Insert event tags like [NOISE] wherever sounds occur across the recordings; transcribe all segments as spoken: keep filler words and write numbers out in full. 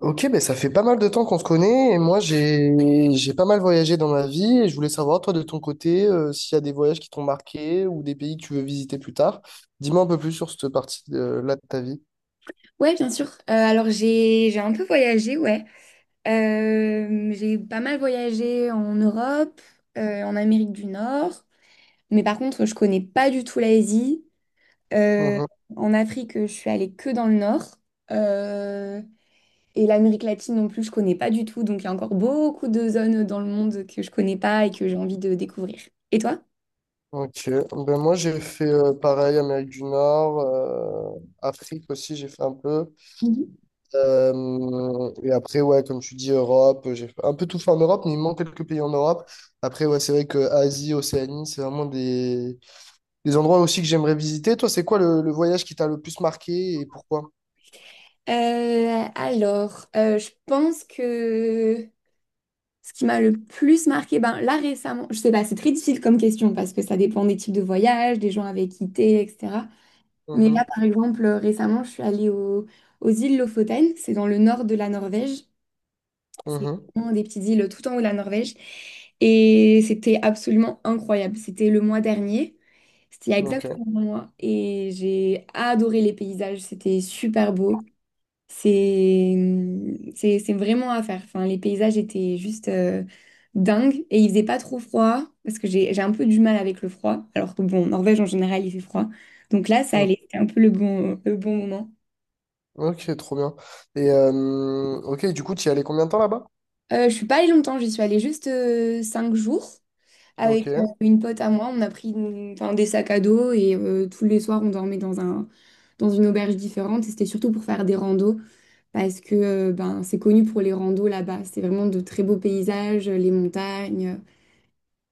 Ok, ben ça fait pas mal de temps qu'on se connaît et moi j'ai j'ai pas mal voyagé dans ma vie et je voulais savoir toi de ton côté euh, s'il y a des voyages qui t'ont marqué ou des pays que tu veux visiter plus tard. Dis-moi un peu plus sur cette partie de, là de ta vie. Ouais, bien sûr. Euh, alors j'ai j'ai un peu voyagé, ouais. Euh, j'ai pas mal voyagé en Europe, euh, en Amérique du Nord, mais par contre je connais pas du tout l'Asie. Euh, Mhm. En Afrique, je suis allée que dans le Nord. Euh, et l'Amérique latine non plus, je connais pas du tout. Donc il y a encore beaucoup de zones dans le monde que je connais pas et que j'ai envie de découvrir. Et toi? Ok, ben moi j'ai fait euh, pareil Amérique du Nord, euh, Afrique aussi j'ai fait un peu. Mhm. Euh, et après ouais comme tu dis Europe, j'ai un peu tout fait en Europe mais il me manque quelques pays en Europe. Après ouais c'est vrai que Asie, Océanie c'est vraiment des Des endroits aussi que j'aimerais visiter. Toi, c'est quoi le, le voyage qui t'a le plus marqué et pourquoi? Euh, alors, euh, je pense que ce qui m'a le plus marqué, ben là récemment, je sais pas, c'est très difficile comme question parce que ça dépend des types de voyages, des gens avec qui t'es, et cetera. Mais là, Mhm, par exemple, euh, récemment, je suis allée au- aux îles Lofoten, c'est dans le nord de la Norvège. C'est mhm, vraiment des petites îles tout en haut de la Norvège. Et c'était absolument incroyable. C'était le mois dernier, c'était il y a ok. exactement un mois, et j'ai adoré les paysages, c'était super beau. C'est c'est- c'est vraiment à faire. Enfin, les paysages étaient juste euh, dingues, et il faisait pas trop froid parce que j'ai j'ai un peu du mal avec le froid. Alors que bon, en Norvège en général il fait froid. Donc là, ça Mm. allait, c'était un peu le bon, le bon moment. Ok, trop bien. Et euh, ok, du coup, tu y allais combien de temps là-bas? Euh, je suis pas allée longtemps, j'y suis allée juste euh, cinq jours avec euh, Ok. une pote à moi. On a pris une- Enfin, des sacs à dos, et euh, tous les soirs on dormait dans un, dans une auberge différente. Et c'était surtout pour faire des randos, parce que euh, ben, c'est connu pour les randos là-bas. C'est vraiment de très beaux paysages, les montagnes.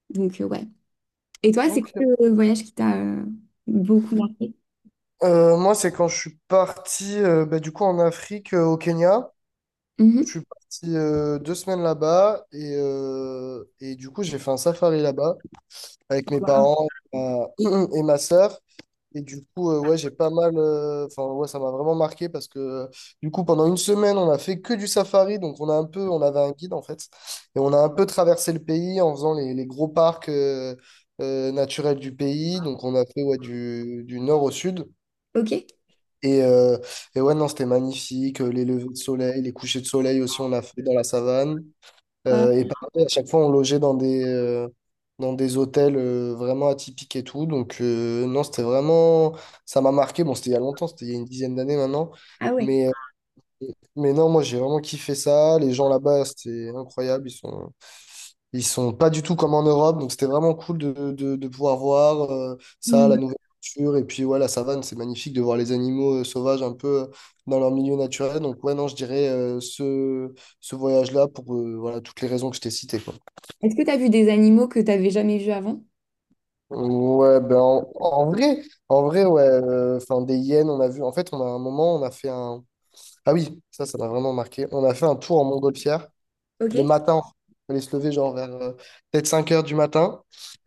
Donc, euh, ouais. Et toi, c'est Ok. quoi le voyage qui t'a euh, beaucoup marqué? Euh, moi, c'est quand je suis parti euh, bah, du coup en Afrique, euh, au Kenya. Je Mhm. suis parti euh, deux semaines là-bas et, euh, et du coup, j'ai fait un safari là-bas, avec mes Wow. parents euh, [CLEARS THROAT] et ma sœur. Et du coup, euh, ouais, j'ai pas mal. euh, Enfin, ouais, ça m'a vraiment marqué parce que euh, du coup, pendant une semaine, on a fait que du safari. Donc, on a un peu, on avait un guide en fait. Et on a un peu traversé le pays en faisant les, les gros parcs euh, euh, naturels du pays. Donc, on a fait ouais, du, du nord au sud. Ok. Et, euh, et ouais, non, c'était magnifique. Euh, Les levées de soleil, les couchers de soleil aussi, on a fait dans la savane. Ouais. Euh, et pareil, à chaque fois, on logeait dans des, euh, dans des hôtels euh, vraiment atypiques et tout. Donc, euh, non, c'était vraiment. Ça m'a marqué. Bon, c'était il y a longtemps, c'était il y a une dizaine d'années maintenant. Ah ouais. Mais, euh, mais non, moi, j'ai vraiment kiffé ça. Les gens là-bas, c'était incroyable. Ils sont, ils sont pas du tout comme en Europe. Donc, c'était vraiment cool de, de, de pouvoir voir euh, ça, la Mm. nouvelle culture. Et puis, ouais, la savane, c'est magnifique de voir les animaux euh, sauvages un peu euh, dans leur milieu naturel. Donc, ouais, non, je dirais euh, ce, ce voyage-là pour euh, voilà, toutes les raisons que je t'ai citées, quoi. Est-ce que t'as vu des animaux que t'avais jamais vus avant? Ouais, ben en, en vrai, en vrai, ouais, euh, enfin des hyènes, on a vu. En fait, on a un moment, on a fait un. Ah oui, ça, ça m'a vraiment marqué. On a fait un tour en montgolfière le Ok. matin. On allait se lever genre vers euh, peut-être cinq heures du matin.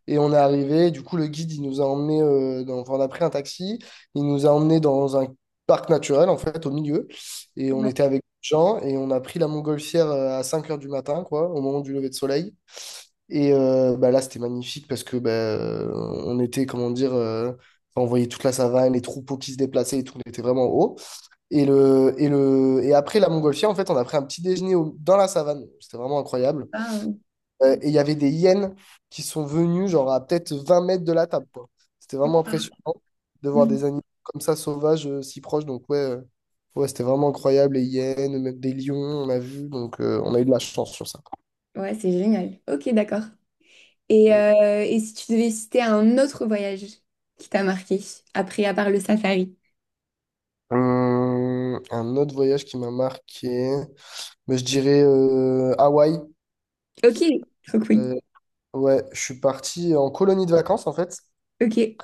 Et on est arrivé. Du coup, le guide, il nous a emmenés, euh, dans, enfin, on a pris un taxi. Il nous a emmenés dans un parc naturel, en fait, au milieu. Et on Ouais. était avec des gens. Et on a pris la montgolfière euh, à cinq heures du matin, quoi, au moment du lever de soleil. Et euh, bah là, c'était magnifique parce que bah, euh, on était, comment dire, euh, enfin, on voyait toute la savane, les troupeaux qui se déplaçaient et tout, on était vraiment en haut. Et, le, et, le, et après la montgolfière, en fait, on a pris un petit déjeuner au- dans la savane. C'était vraiment incroyable. Ah, euh, Euh, et il y avait des hyènes qui sont venues, genre à peut-être vingt mètres de la table, quoi. C'était vraiment impressionnant de voir Mm. des animaux comme ça sauvages euh, si proches. Donc, ouais, euh, ouais, c'était vraiment incroyable. Les hyènes, même des lions, on a vu. Donc, euh, on a eu de la chance sur ça. Ouais, c'est génial. Ok, d'accord. Et, euh, et si tu devais citer un autre voyage qui t'a marqué, après, à part le safari? Hum, un autre voyage qui m'a marqué, mais je dirais euh, Hawaï. Ok, trop cool. Euh, ouais, je suis parti en colonie de vacances en fait, Ok.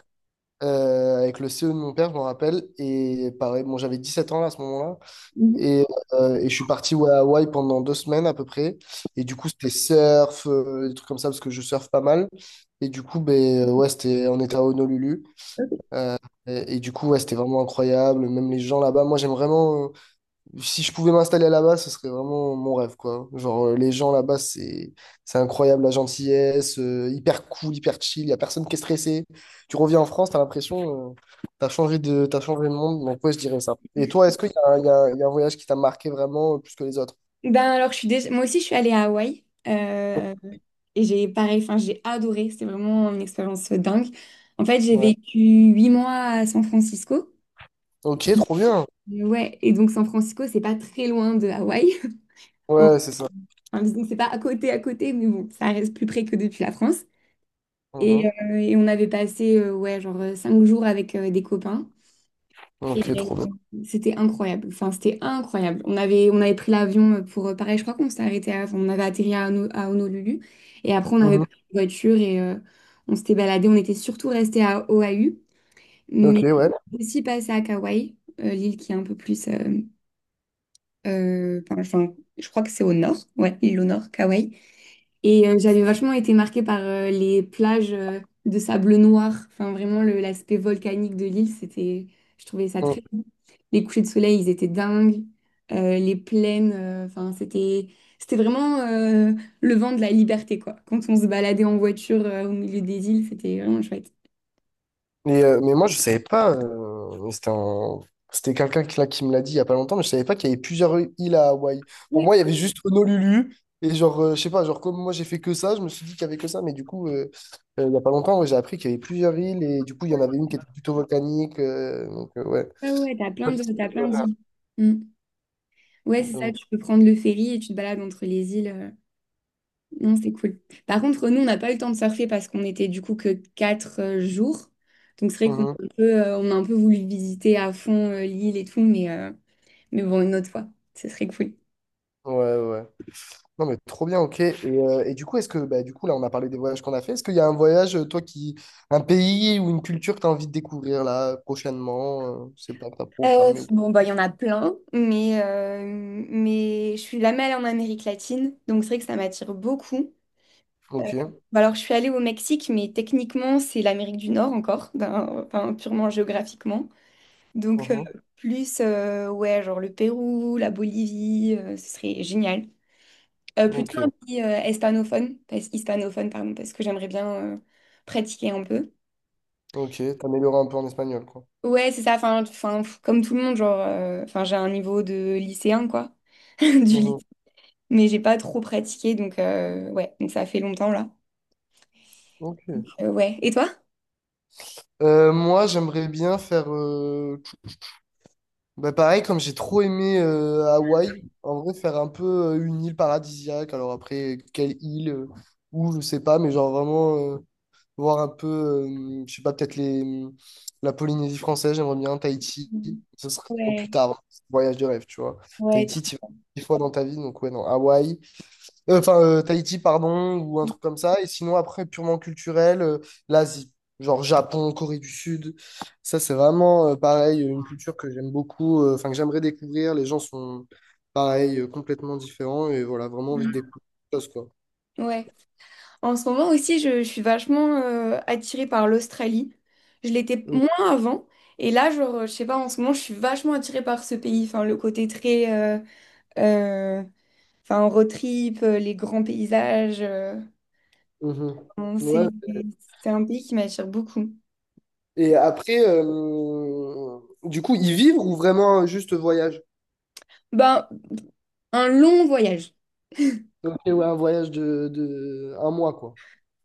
euh, avec le C E de mon père, je m'en rappelle. Et pareil, bon, j'avais dix sept ans là, à ce moment-là. Mhm. Et, euh, et je suis parti ouais, à Hawaï pendant deux semaines à peu près. Et du coup, c'était surf, euh, des trucs comme ça, parce que je surfe pas mal. Et du coup, ben, euh, ouais, c'était, on était à Honolulu. Et, et du coup, ouais, c'était vraiment incroyable. Même les gens là-bas, moi j'aime vraiment. Si je pouvais m'installer là-bas, ce serait vraiment mon rêve, quoi. Genre, euh, les gens là-bas, c'est c'est incroyable, la gentillesse, euh, hyper cool, hyper chill, y a personne qui est stressé. Tu reviens en France, t'as l'impression, euh, t'as changé de, t'as changé de monde, donc ouais, je dirais ça. Et toi, est-ce qu'il y a, un- il y a un il y a un voyage qui t'a marqué vraiment euh, plus que les autres? Ben alors, je suis déjà... moi aussi, je suis allée à Hawaï, euh, et j'ai pareil, enfin, j'ai adoré. C'était vraiment une expérience dingue. En fait, j'ai Ouais. vécu huit mois à San Francisco. Ok, trop bien. Et ouais, et donc San Francisco, c'est pas très loin de Hawaï. Ouais, [LAUGHS] c'est ça. Enfin, disons que c'est pas à côté, à côté, mais bon, ça reste plus près que depuis la France. Et, Mhm. euh, et on avait passé, euh, ouais, genre euh, cinq jours avec euh, des copains. Ok, trop bien. C'était incroyable. Enfin, c'était incroyable. On avait, on avait pris l'avion euh, pour, euh, pareil, je crois qu'on s'est arrêté à, enfin, on avait atterri à, Hono- à Honolulu. Et après, on avait Mhm. pris une voiture et euh, on s'était baladé. On était surtout resté à Oahu, Ok, mais ouais. aussi passé à Kauai, euh, l'île qui est un peu plus. Euh, euh, enfin, enfin, je crois que c'est au nord. Ouais, l'île au nord, Kauai. Et euh, j'avais vachement été marquée par euh, les plages euh, de sable noir. Enfin, vraiment, le- l'aspect volcanique de l'île, c'était, je trouvais ça Mmh. très beau. Les couchers de soleil, ils étaient dingues. Euh, les plaines, euh, enfin, c'était, c'était vraiment euh, le vent de la liberté, quoi. Quand on se baladait en voiture euh, au milieu des îles, c'était vraiment chouette. Mais, euh, mais moi, je savais pas. euh, c'était un- c'était quelqu'un qui, là, qui me l'a dit il y a pas longtemps, mais je savais pas qu'il y avait plusieurs îles à Hawaï. Pour Ouais, moi, il y avait juste Honolulu. Et genre, euh, je sais pas, genre, comme moi, j'ai fait que ça, je me suis dit qu'il y avait que ça. Mais du coup, euh, euh, il y a pas longtemps, ouais, j'ai appris qu'il y avait plusieurs îles. Et du coup, il y en ouais, avait une qui était plutôt volcanique. euh, donc, euh, ouais. ouais, ouais, t'as plein de, t'as plein d'îles. Mm. Ouais, c'est ça, Donc, tu peux prendre le ferry et tu te balades entre les îles. euh, Non, c'est cool. Par contre, nous, on n'a pas eu le temps de surfer parce qu'on était du coup que quatre euh, jours. Donc c'est vrai qu'on a mhm. un peu, euh, on a un peu voulu visiter à fond euh, l'île et tout, mais, euh, mais bon, une autre fois, ce serait cool. Ouais, ouais. Non mais trop bien, ok. Et, euh, et du coup, est-ce que, bah, du coup, là, on a parlé des voyages qu'on a fait. Est-ce qu'il y a un voyage, euh, toi, qui, un pays ou une culture que tu as envie de découvrir là prochainement? Euh, je sais pas, que t'as Euh, programmé ou. Bon, bah, il y en a plein, mais, euh, mais je suis jamais allée en Amérique latine, donc c'est vrai que ça m'attire beaucoup. Euh, Ok. Bah, alors, je suis allée au Mexique, mais techniquement, c'est l'Amérique du Nord encore, d'un- enfin, purement géographiquement. Donc, euh, Mhm. plus, euh, ouais, genre le Pérou, la Bolivie, euh, ce serait génial. Euh, plutôt Ok. un pays euh, hispanophone, parce, hispanophone, pardon, parce que j'aimerais bien euh, pratiquer un peu. Ok. T'améliorer un peu en espagnol, quoi. Ouais, c'est ça, enfin, enfin, pff, comme tout le monde, genre, euh, enfin, j'ai un niveau de lycéen, quoi, [LAUGHS] du Mhm. lycée, mais j'ai pas trop pratiqué, donc, euh, ouais, donc ça fait longtemps, là. Ok. Euh, ouais, et toi? Euh, moi, j'aimerais bien faire, euh, bah, pareil, comme j'ai trop aimé euh, Hawaï, en vrai, faire un peu euh, une île paradisiaque. Alors après, quelle île, ou je sais pas, mais genre vraiment. Euh, voir un peu, euh, je sais pas, peut-être les, la Polynésie française, j'aimerais bien, Tahiti, ce sera plus tard, hein, voyage de rêve, tu vois. Tahiti, tu vas dix fois dans ta vie, donc ouais, non, Hawaï, Euh, enfin, euh, Tahiti, pardon, ou un truc comme ça, et sinon, après, purement culturel, euh, l'Asie, genre Japon, Corée du Sud, ça, c'est vraiment, euh, pareil, une culture que j'aime beaucoup, euh, enfin, que j'aimerais découvrir, les gens sont, pareil, euh, complètement différents, et voilà, vraiment envie de Mm. découvrir des choses, quoi. Ouais. En ce moment aussi, je, je suis vachement euh, attirée par l'Australie. Je l'étais moins avant. Et là, genre, je sais pas, en ce moment, je suis vachement attirée par ce pays. Enfin, le côté très... euh, euh, enfin, road trip, euh, les grands paysages. euh, Mhm. Bon, Ouais. c'est, c'est un pays qui m'attire beaucoup. Et après, euh, du coup, y vivre ou vraiment euh, juste voyage? Ben, un long voyage. Donc, euh, ouais, un voyage de, de un mois, quoi.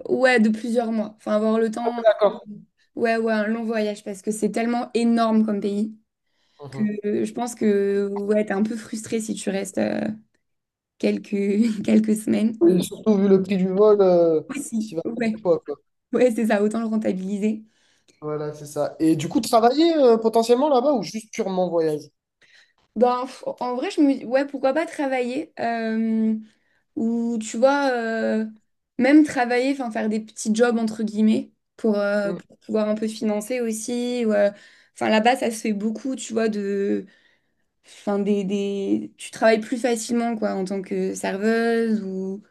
Ouais, de plusieurs mois. Enfin, avoir le Ah, temps... ouais, d'accord. Ouais, ouais, un long voyage parce que c'est tellement énorme comme pays que Mhm. euh, je pense que ouais, t'es un peu frustré si tu restes euh, quelques, [LAUGHS] quelques semaines. Et surtout, vu le prix du vol, euh, Aussi. t'y vas pas Ouais, deux fois, quoi. ouais, c'est ça, autant le rentabiliser. Voilà, c'est ça. Et du coup, travailler euh, potentiellement là-bas ou juste purement voyage? Ben, pff, en vrai, je me dis, ouais, pourquoi pas travailler, euh, ou tu vois, euh, même travailler, enfin faire des petits jobs entre guillemets pour, euh, Mhm. pour pouvoir un peu financer aussi, ou, euh, enfin, là-bas, ça se fait beaucoup, tu vois, de, enfin, des, des, tu travailles plus facilement quoi en tant que serveuse, ou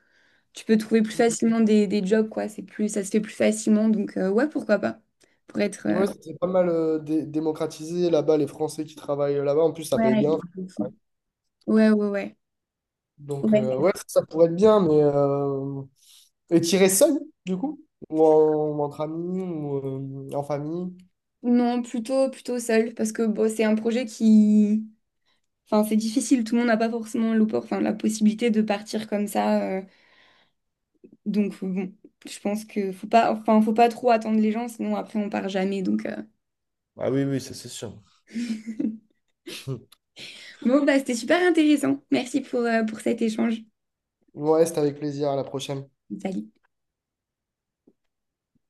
tu peux trouver plus Mhm. facilement des, des jobs quoi. C'est plus, ça se fait plus facilement, donc euh, ouais, pourquoi pas pour être, euh, Ouais, c'est pas mal euh, dé- démocratisé là-bas, les Français qui travaillent là-bas. En plus, ça paye ouais, je bien. m'en fous. ouais, ouais, ouais. Donc, euh, Ouais. ouais, ça, ça pourrait être bien, mais. euh, Et tirer seul, du coup? Ou en- ou entre amis, ou euh, en famille? Non, plutôt, plutôt seul, parce que bon, c'est un projet qui... Enfin, c'est difficile, tout le monde n'a pas forcément l'oppor- enfin, la possibilité de partir comme ça. euh, donc, bon, je pense que faut pas... Enfin, faut pas trop attendre les gens, sinon après, on part jamais. Donc, euh. Ah oui, oui, ça c'est sûr. [LAUGHS] Bon, bah, c'était super intéressant. Merci pour, euh, pour cet échange. Ouais, c'était avec plaisir. À la prochaine. Salut.